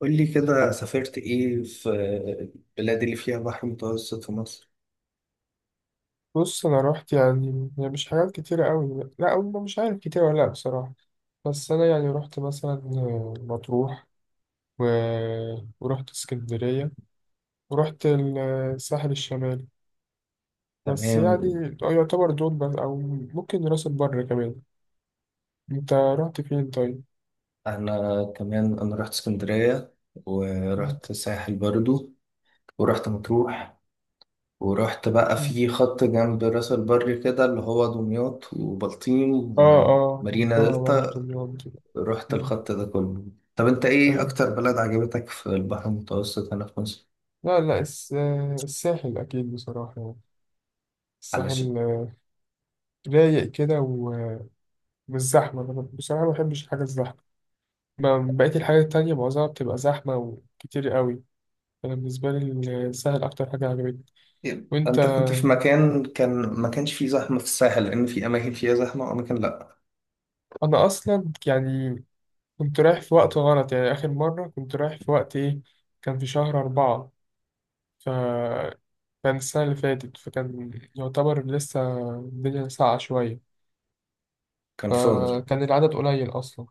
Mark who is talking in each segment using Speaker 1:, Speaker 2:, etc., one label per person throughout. Speaker 1: قول لي كده، سافرت ايه في البلاد اللي فيها بحر متوسط في مصر؟
Speaker 2: بص، انا رحت يعني مش حاجات كتيرة قوي، لا، أو مش عارف كتير ولا لا، بصراحة. بس انا يعني رحت مثلا مطروح و... ورحت اسكندرية، ورحت الساحل الشمالي. بس يعني
Speaker 1: تمام.
Speaker 2: يعتبر دول بس، او ممكن راس البر كمان. انت رحت فين طيب؟
Speaker 1: انا كمان رحت اسكندريه،
Speaker 2: مم.
Speaker 1: ورحت الساحل برضو، ورحت مطروح، ورحت بقى
Speaker 2: مم.
Speaker 1: في خط جنب راس البر كده، اللي هو دمياط وبلطيم
Speaker 2: اه، اه،
Speaker 1: ومارينا
Speaker 2: رحتها برضه،
Speaker 1: دلتا.
Speaker 2: دمياط دي.
Speaker 1: رحت
Speaker 2: مم.
Speaker 1: الخط ده كله. طب انت ايه
Speaker 2: ايوه.
Speaker 1: اكتر بلد عجبتك في البحر المتوسط هنا في مصر؟
Speaker 2: لا، لا، الساحل اكيد بصراحة، يعني
Speaker 1: علشان
Speaker 2: الساحل رايق كده ومش زحمة. أنا بصراحة ما بحبش الحاجة الزحمة. بقية الحاجات التانية معظمها بتبقى زحمة وكتير قوي. أنا بالنسبة لي السهل أكتر حاجة عجبتني. وأنت؟
Speaker 1: انت كنت في مكان كان ما كانش فيه زحمه في الساحل، لان في اماكن فيها زحمه واماكن لا؟
Speaker 2: أنا أصلا يعني كنت رايح في وقت غلط، يعني آخر مرة كنت رايح في وقت إيه، كان في شهر أربعة، ف كان السنة اللي فاتت، فكان يعتبر لسه الدنيا ساقعة شوية،
Speaker 1: كان فاضي.
Speaker 2: فكان العدد قليل أصلا،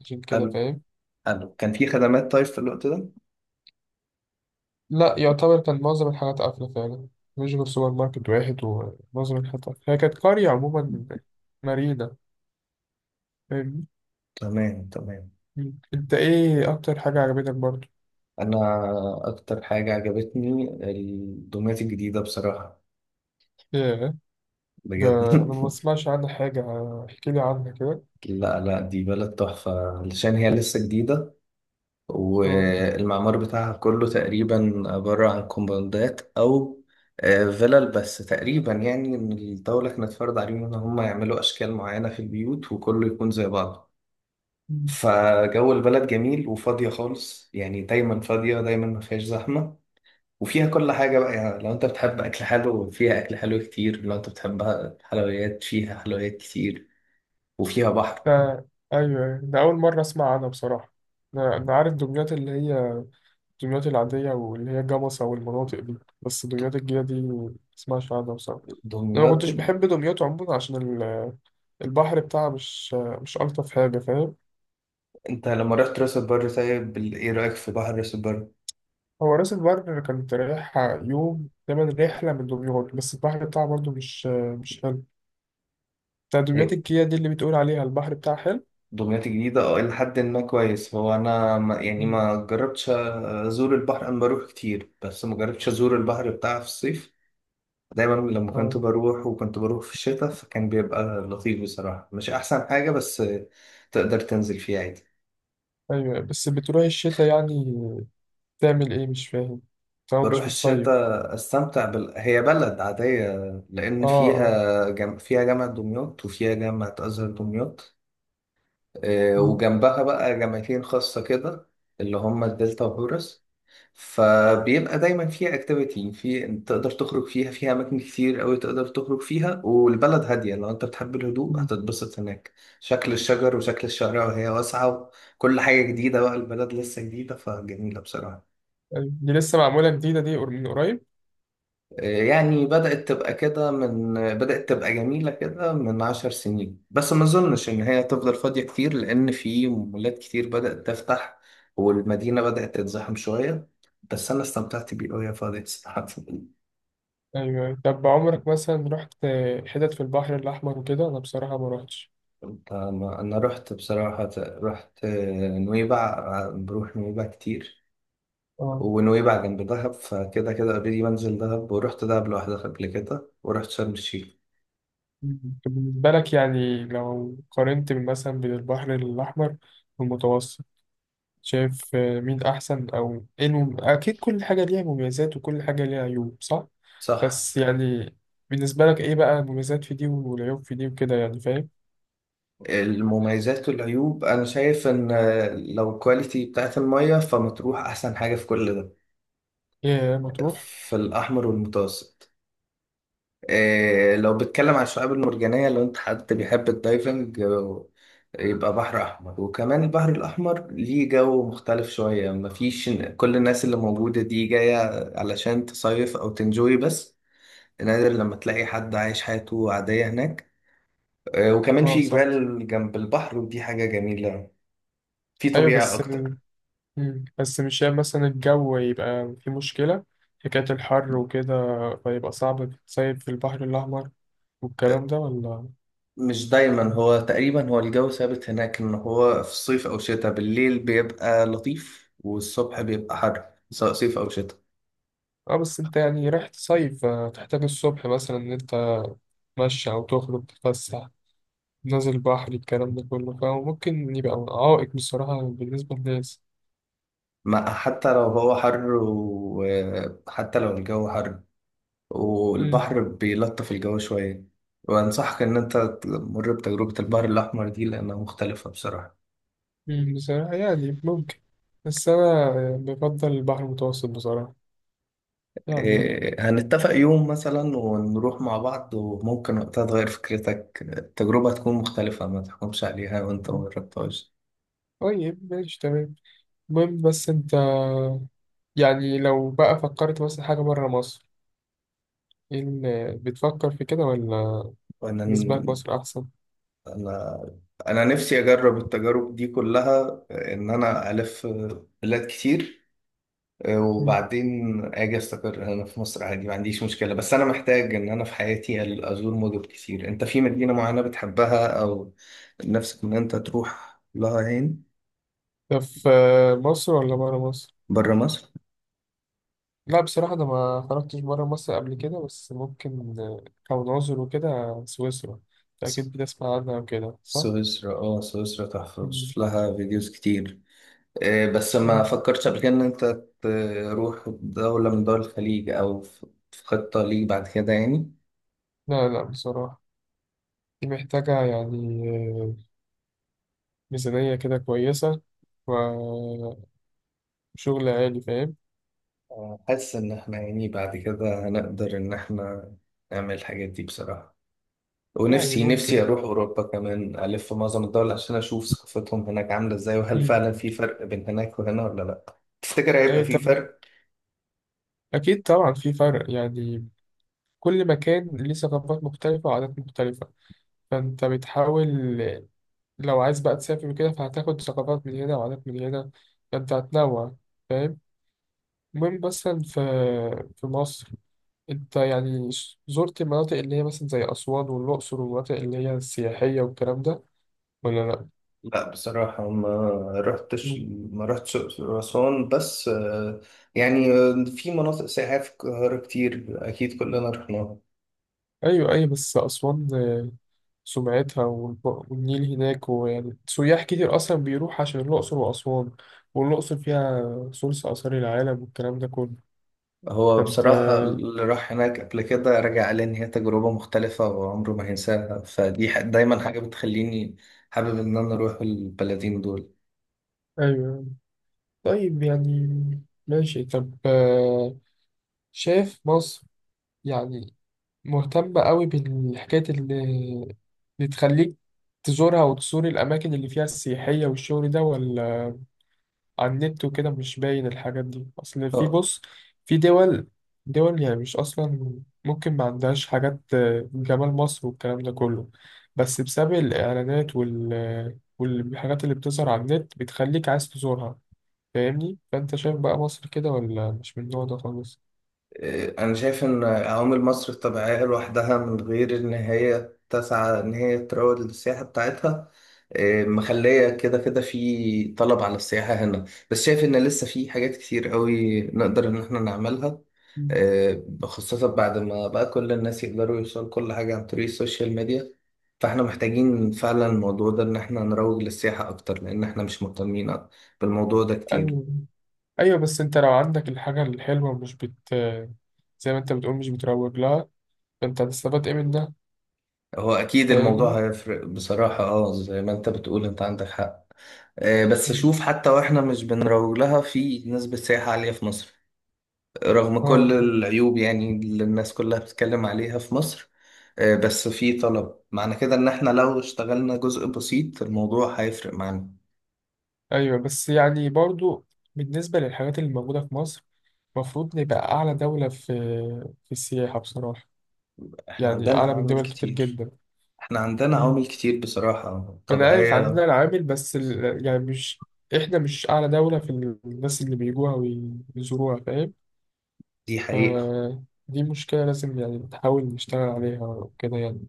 Speaker 2: عشان كده
Speaker 1: حلو،
Speaker 2: فاهم.
Speaker 1: حلو. كان في خدمات طيب في الوقت ده؟
Speaker 2: لا، يعتبر كان معظم الحاجات قافلة فعلا، مش غير سوبر ماركت واحد ومعظم الحاجات قافلة، هي كانت قرية عموما، مارينا. فاهمني؟
Speaker 1: تمام، تمام.
Speaker 2: مم. انت ايه اكتر حاجة عجبتك برضو؟
Speaker 1: انا اكتر حاجة عجبتني الدومات الجديدة بصراحة،
Speaker 2: ايه؟ ده
Speaker 1: بجد
Speaker 2: انا ما بسمعش عنها حاجة، احكي لي عنها كده.
Speaker 1: لا، لا، دي بلد تحفة علشان هي لسه جديدة،
Speaker 2: اه.
Speaker 1: والمعمار بتاعها كله تقريبا عبارة عن كومباوندات أو فيلل بس تقريبا، يعني إن الدولة كانت فرض عليهم إن هم يعملوا أشكال معينة في البيوت وكله يكون زي بعضه.
Speaker 2: مم.
Speaker 1: فجو البلد جميل وفاضية خالص، يعني دايما فاضية، دايما ما فيهاش زحمة، وفيها كل حاجة بقى. يعني لو انت بتحب أكل حلو فيها أكل حلو كتير، لو انت بتحب حلويات فيها حلويات كتير، وفيها بحر.
Speaker 2: ده ايوه، أيوة. ده اول مرة اسمع عنها بصراحة. أنا عارف دمياط اللي هي دمياط العادية، واللي هي جمصة والمناطق دي، بس دمياط الجديدة دي ما بسمعش عنها بصراحة. انا ما
Speaker 1: دمياط.
Speaker 2: كنتش بحب دمياط عموما عشان البحر بتاعها مش الطف حاجة، فاهم؟
Speaker 1: انت لما رحت راس البر طيب، ايه رأيك في بحر راس البر؟
Speaker 2: هو راس البر كانت رايحة يوم تمن رحلة من دمياط، بس البحر بتاعها برضو مش حلو. تدريبات
Speaker 1: إيه،
Speaker 2: الكيا دي اللي بتقول عليها البحر بتاعها حلو.
Speaker 1: دمياط الجديدة إلى حد ما كويس. هو أنا ما يعني
Speaker 2: مم.
Speaker 1: ما جربتش أزور البحر، أنا بروح كتير بس ما جربتش أزور البحر بتاعها في الصيف. دايما لما كنت
Speaker 2: اه.
Speaker 1: بروح، وكنت بروح في الشتاء، فكان بيبقى لطيف بصراحة، مش أحسن حاجة، بس تقدر تنزل فيها عادي.
Speaker 2: ايوه بس بتروح الشتاء، يعني تعمل ايه مش فاهم، طبعا مش
Speaker 1: بروح
Speaker 2: بتصيف.
Speaker 1: الشتاء أستمتع هي بلد عادية، لأن
Speaker 2: اه، اه.
Speaker 1: فيها فيها جامعة دمياط وفيها جامعة أزهر دمياط،
Speaker 2: مم.
Speaker 1: وجنبها بقى جامعتين خاصة كده، اللي هما الدلتا وهورس. فبيبقى دايما فيها اكتيفيتي، في تقدر تخرج فيها، فيها اماكن كتير قوي تقدر تخرج فيها، والبلد هاديه، لو انت بتحب الهدوء
Speaker 2: مم.
Speaker 1: هتتبسط هناك. شكل الشجر وشكل الشارع، وهي واسعه، وكل حاجه جديده، بقى البلد لسه جديده فجميله بصراحه.
Speaker 2: أيوة. دي لسه معمولة جديدة دي، من قريب؟
Speaker 1: يعني بدأت تبقى جميلة كده من 10 سنين، بس ما أظنش إن هي تفضل فاضية كتير، لأن في مولات كتير بدأت تفتح، والمدينة بدأت تتزحم شوية. بس أنا استمتعت بيه وهي فاضية صراحة
Speaker 2: ايوه. طب عمرك مثلا رحت حتت في البحر الأحمر وكده؟ انا بصراحة ما رحتش.
Speaker 1: أنا رحت بصراحة، رحت نويبع، بروح نويبع كتير،
Speaker 2: اه.
Speaker 1: ونويبع جنب دهب، فكده كده أوريدي بنزل دهب، ورحت دهب لوحدها قبل كده، ورحت شرم الشيخ.
Speaker 2: مم. طب بالنسبة لك يعني، لو قارنت مثلا بين البحر الأحمر والمتوسط، شايف مين أحسن، أو إيه أكيد كل حاجة ليها مميزات وكل حاجة ليها عيوب، صح؟
Speaker 1: صح.
Speaker 2: بس يعني بالنسبة لك إيه بقى المميزات في دي والعيوب في دي وكده، يعني فاهم؟
Speaker 1: المميزات والعيوب انا شايف ان لو الكواليتي بتاعت المية، فمطروح احسن حاجة في كل ده،
Speaker 2: إيه، يا مطروح؟
Speaker 1: في الاحمر والمتوسط. إيه، لو بتكلم عن الشعاب المرجانية، لو انت حد بيحب الدايفنج، يبقى بحر احمر. وكمان البحر الاحمر ليه جو مختلف شوية، مفيش كل الناس اللي موجودة دي جاية علشان تصيف او تنجوي بس، نادر لما تلاقي حد عايش حياته عادية هناك. وكمان
Speaker 2: أه،
Speaker 1: في
Speaker 2: صح.
Speaker 1: جبال جنب البحر ودي حاجة جميلة، في
Speaker 2: أيوه
Speaker 1: طبيعة
Speaker 2: بس
Speaker 1: أكتر.
Speaker 2: مم. بس مش هي مثلا الجو يبقى في مشكلة، حكاية الحر وكده، فيبقى صعب تصيف في البحر الأحمر والكلام ده، ولا؟
Speaker 1: مش دايما،
Speaker 2: مم.
Speaker 1: هو تقريبا هو الجو ثابت هناك، ان هو في الصيف او شتاء بالليل بيبقى لطيف والصبح بيبقى حر، سواء صيف او شتاء.
Speaker 2: اه، بس انت يعني رايح تصيف، فتحتاج الصبح مثلا ان انت تمشي او تخرج تتفسح، نازل بحر، الكلام ده كله، فممكن يبقى عائق بصراحة بالنسبة للناس.
Speaker 1: ما حتى لو هو حر، وحتى لو الجو حر،
Speaker 2: مم.
Speaker 1: والبحر بيلطف الجو شوية. وأنصحك إن أنت تمر بتجربة البحر الأحمر دي، لأنها مختلفة بصراحة.
Speaker 2: مم. بصراحة يعني ممكن، بس أنا بفضل البحر المتوسط بصراحة، يعني.
Speaker 1: إيه، هنتفق يوم مثلا ونروح مع بعض، وممكن وقتها تغير فكرتك، التجربة تكون مختلفة، ما تحكمش عليها وأنت
Speaker 2: مم.
Speaker 1: مجربتهاش.
Speaker 2: طيب، ماشي، تمام. المهم بس أنت يعني لو بقى فكرت مثلا حاجة بره مصر، إيه اللي بتفكر في كده، ولا
Speaker 1: وإن
Speaker 2: بالنسبة لك مصر أحسن؟
Speaker 1: انا انا نفسي اجرب التجارب دي كلها، ان انا الف بلاد كتير،
Speaker 2: مم.
Speaker 1: وبعدين اجي استقر هنا في مصر عادي، ما عنديش مشكله، بس انا محتاج ان انا في حياتي ازور مدن كتير. انت في مدينه معينه بتحبها، او نفسك ان انت تروح لها، هين
Speaker 2: ده في مصر ولا بره مصر؟
Speaker 1: بره مصر؟
Speaker 2: لا بصراحة أنا ما خرجتش برا مصر قبل كده، بس ممكن كون عذر وكده. سويسرا أنت
Speaker 1: س-
Speaker 2: أكيد بتسمع عنها وكده، صح؟
Speaker 1: سويسرا تحفه،
Speaker 2: مم.
Speaker 1: بشوف لها فيديوز كتير. بس ما
Speaker 2: آه.
Speaker 1: فكرتش قبل كده ان انت تروح دولة من دول الخليج، او في خطة ليك بعد كده يعني؟
Speaker 2: لا، لا، بصراحة دي محتاجة يعني آه، ميزانية كده كويسة، وشغل عالي، فاهم؟
Speaker 1: حاسس إن إحنا يعني بعد كده هنقدر إن إحنا نعمل الحاجات دي بصراحة.
Speaker 2: يعني
Speaker 1: ونفسي
Speaker 2: ممكن.
Speaker 1: أروح أوروبا كمان، ألف في معظم الدول عشان أشوف ثقافتهم هناك عاملة إزاي، وهل
Speaker 2: مم.
Speaker 1: فعلا في فرق بين هناك وهنا ولا لأ. تفتكر هيبقى
Speaker 2: أي
Speaker 1: في
Speaker 2: طب،
Speaker 1: فرق؟
Speaker 2: أكيد طبعا في فرق، يعني كل مكان ليه ثقافات مختلفة وعادات مختلفة، فأنت بتحاول لو عايز بقى تسافر وكده، فهتاخد ثقافات من هنا وعادات من هنا، فأنت هتنوع، فاهم؟ المهم مثلا في مصر، أنت يعني زرت المناطق اللي هي مثلا زي أسوان والأقصر والمناطق اللي هي السياحية والكلام ده، ولا لأ؟
Speaker 1: لأ بصراحة، رحتش
Speaker 2: مم.
Speaker 1: ما رحتش الأقصر وأسوان، بس يعني في مناطق سياحية في القاهرة كتير، أكيد كلنا رحناها.
Speaker 2: أيوه، أيوه، بس أسوان سمعتها، والنيل هناك، ويعني سياح كتير أصلا بيروح عشان الأقصر وأسوان، والأقصر فيها ثلث آثار العالم والكلام ده كله.
Speaker 1: هو
Speaker 2: فأنت،
Speaker 1: بصراحة اللي راح هناك قبل كده رجع قال لي إن هي تجربة مختلفة وعمره ما هينساها، فدي دايما حاجة بتخليني حابب إن أنا أروح البلدين
Speaker 2: أيوه، طيب يعني، ماشي، طب. شايف مصر يعني مهتمة قوي بالحكاية اللي تخليك تزورها وتزور الأماكن اللي فيها السياحية والشغل ده، ولا على النت وكده مش باين الحاجات دي؟ أصل في
Speaker 1: دول.
Speaker 2: بص في دول يعني مش أصلا، ممكن ما عندهاش حاجات جمال مصر والكلام ده كله، بس بسبب الإعلانات والحاجات اللي بتظهر على النت بتخليك عايز تزورها، فاهمني؟ فأنت شايف بقى مصر كده، ولا مش من النوع ده خالص؟
Speaker 1: أنا شايف إن عوامل مصر الطبيعية لوحدها، من غير إن هي تسعى إن هي تروج للسياحة بتاعتها، مخلية كده كده في طلب على السياحة هنا، بس شايف إن لسه في حاجات كتير قوي نقدر إن إحنا نعملها،
Speaker 2: مم.
Speaker 1: خاصة بعد ما بقى كل الناس يقدروا يوصلوا كل حاجة عن طريق السوشيال ميديا. فإحنا محتاجين فعلا الموضوع ده، إن إحنا نروج للسياحة أكتر، لأن إحنا مش مهتمين بالموضوع ده كتير.
Speaker 2: أيوه، ايوه، بس انت لو عندك الحاجه الحلوه مش بت زي ما انت بتقول مش بتروج لها، فانت هتستفاد ايه من ده؟
Speaker 1: هو اكيد
Speaker 2: فاهمني.
Speaker 1: الموضوع هيفرق بصراحة، زي ما انت بتقول، انت عندك حق. بس
Speaker 2: طيب.
Speaker 1: شوف، حتى واحنا مش بنروج لها، في نسبة سياحة عالية في مصر، رغم كل
Speaker 2: اه، فاهم.
Speaker 1: العيوب يعني اللي الناس كلها بتتكلم عليها في مصر. بس في طلب، معنى كده ان احنا لو اشتغلنا جزء بسيط الموضوع هيفرق معانا.
Speaker 2: ايوه بس يعني برضو بالنسبه للحاجات اللي موجوده في مصر، المفروض نبقى اعلى دوله في السياحه بصراحه،
Speaker 1: احنا
Speaker 2: يعني
Speaker 1: عندنا
Speaker 2: اعلى من
Speaker 1: عوامل
Speaker 2: دول كتير
Speaker 1: كتير
Speaker 2: جدا.
Speaker 1: احنا عندنا
Speaker 2: مم.
Speaker 1: عوامل كتير بصراحة،
Speaker 2: وانا عارف عندنا
Speaker 1: طبيعية.
Speaker 2: العامل، بس يعني مش احنا مش اعلى دوله في الناس اللي بيجوها ويزوروها، فاهم؟
Speaker 1: دي
Speaker 2: ف-
Speaker 1: حقيقة.
Speaker 2: دي مشكله لازم يعني نحاول نشتغل عليها وكده، يعني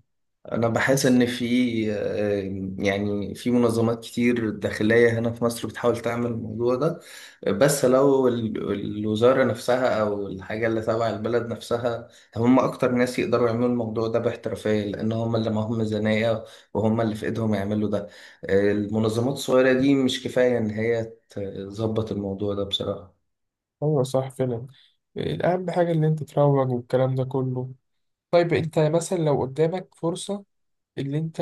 Speaker 1: أنا بحس
Speaker 2: بس.
Speaker 1: إن في يعني في منظمات كتير داخلية هنا في مصر بتحاول تعمل الموضوع ده، بس لو الوزارة نفسها أو الحاجة اللي تبع البلد نفسها، هم أكتر ناس يقدروا يعملوا الموضوع ده باحترافية، لأن هم اللي معاهم ميزانية وهم اللي في إيدهم يعملوا ده. المنظمات الصغيرة دي مش كفاية إن هي تظبط الموضوع ده بصراحة.
Speaker 2: ايوه، صح فعلا، اهم حاجه اللي انت تروج والكلام ده كله. طيب انت مثلا لو قدامك فرصه، اللي انت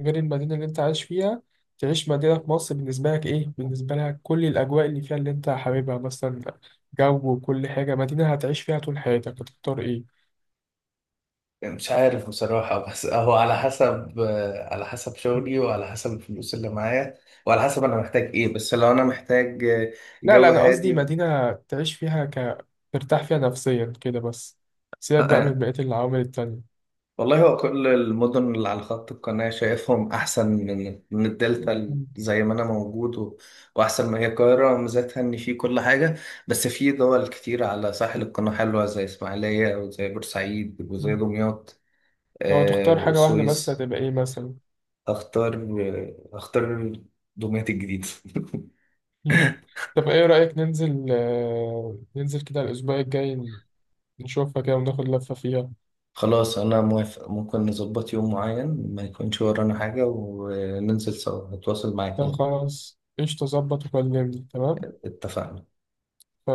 Speaker 2: غير المدينه اللي انت عايش فيها، تعيش مدينه في مصر، بالنسبه لك كل الاجواء اللي فيها اللي انت حاببها، مثلا جو وكل حاجه، مدينه هتعيش فيها طول حياتك، هتختار ايه؟
Speaker 1: مش عارف بصراحة، بس هو على حسب شغلي، وعلى حسب الفلوس اللي معايا، وعلى حسب أنا محتاج إيه. بس لو أنا محتاج
Speaker 2: لا، لا،
Speaker 1: جو
Speaker 2: انا قصدي
Speaker 1: هادي
Speaker 2: مدينه تعيش فيها، ترتاح فيها نفسيا كده بس،
Speaker 1: آه،
Speaker 2: سيبك بقى من
Speaker 1: آه.
Speaker 2: بقيه العوامل التانية.
Speaker 1: والله هو كل المدن اللي على خط القناة شايفهم أحسن من الدلتا،
Speaker 2: مم.
Speaker 1: زي ما أنا موجود وأحسن ما هي القاهرة ميزتها إن في كل حاجة. بس في دول كتير على ساحل القناة حلوة، زي إسماعيلية وزي بورسعيد وزي دمياط
Speaker 2: لو تختار حاجه واحده بس،
Speaker 1: والسويس.
Speaker 2: هتبقى ايه مثلا؟
Speaker 1: اختار اختار دمياط الجديد
Speaker 2: مم. طب ايه رأيك ننزل كده الأسبوع الجاي، نشوفها كده وناخد لفة فيها؟
Speaker 1: خلاص، انا موافق، ممكن نظبط يوم معين ما يكونش ورانا حاجة وننزل سوا، نتواصل معاك
Speaker 2: طب
Speaker 1: يعني.
Speaker 2: خلاص، قشطة، ظبط وكلمني. تمام.
Speaker 1: اتفقنا.
Speaker 2: ف-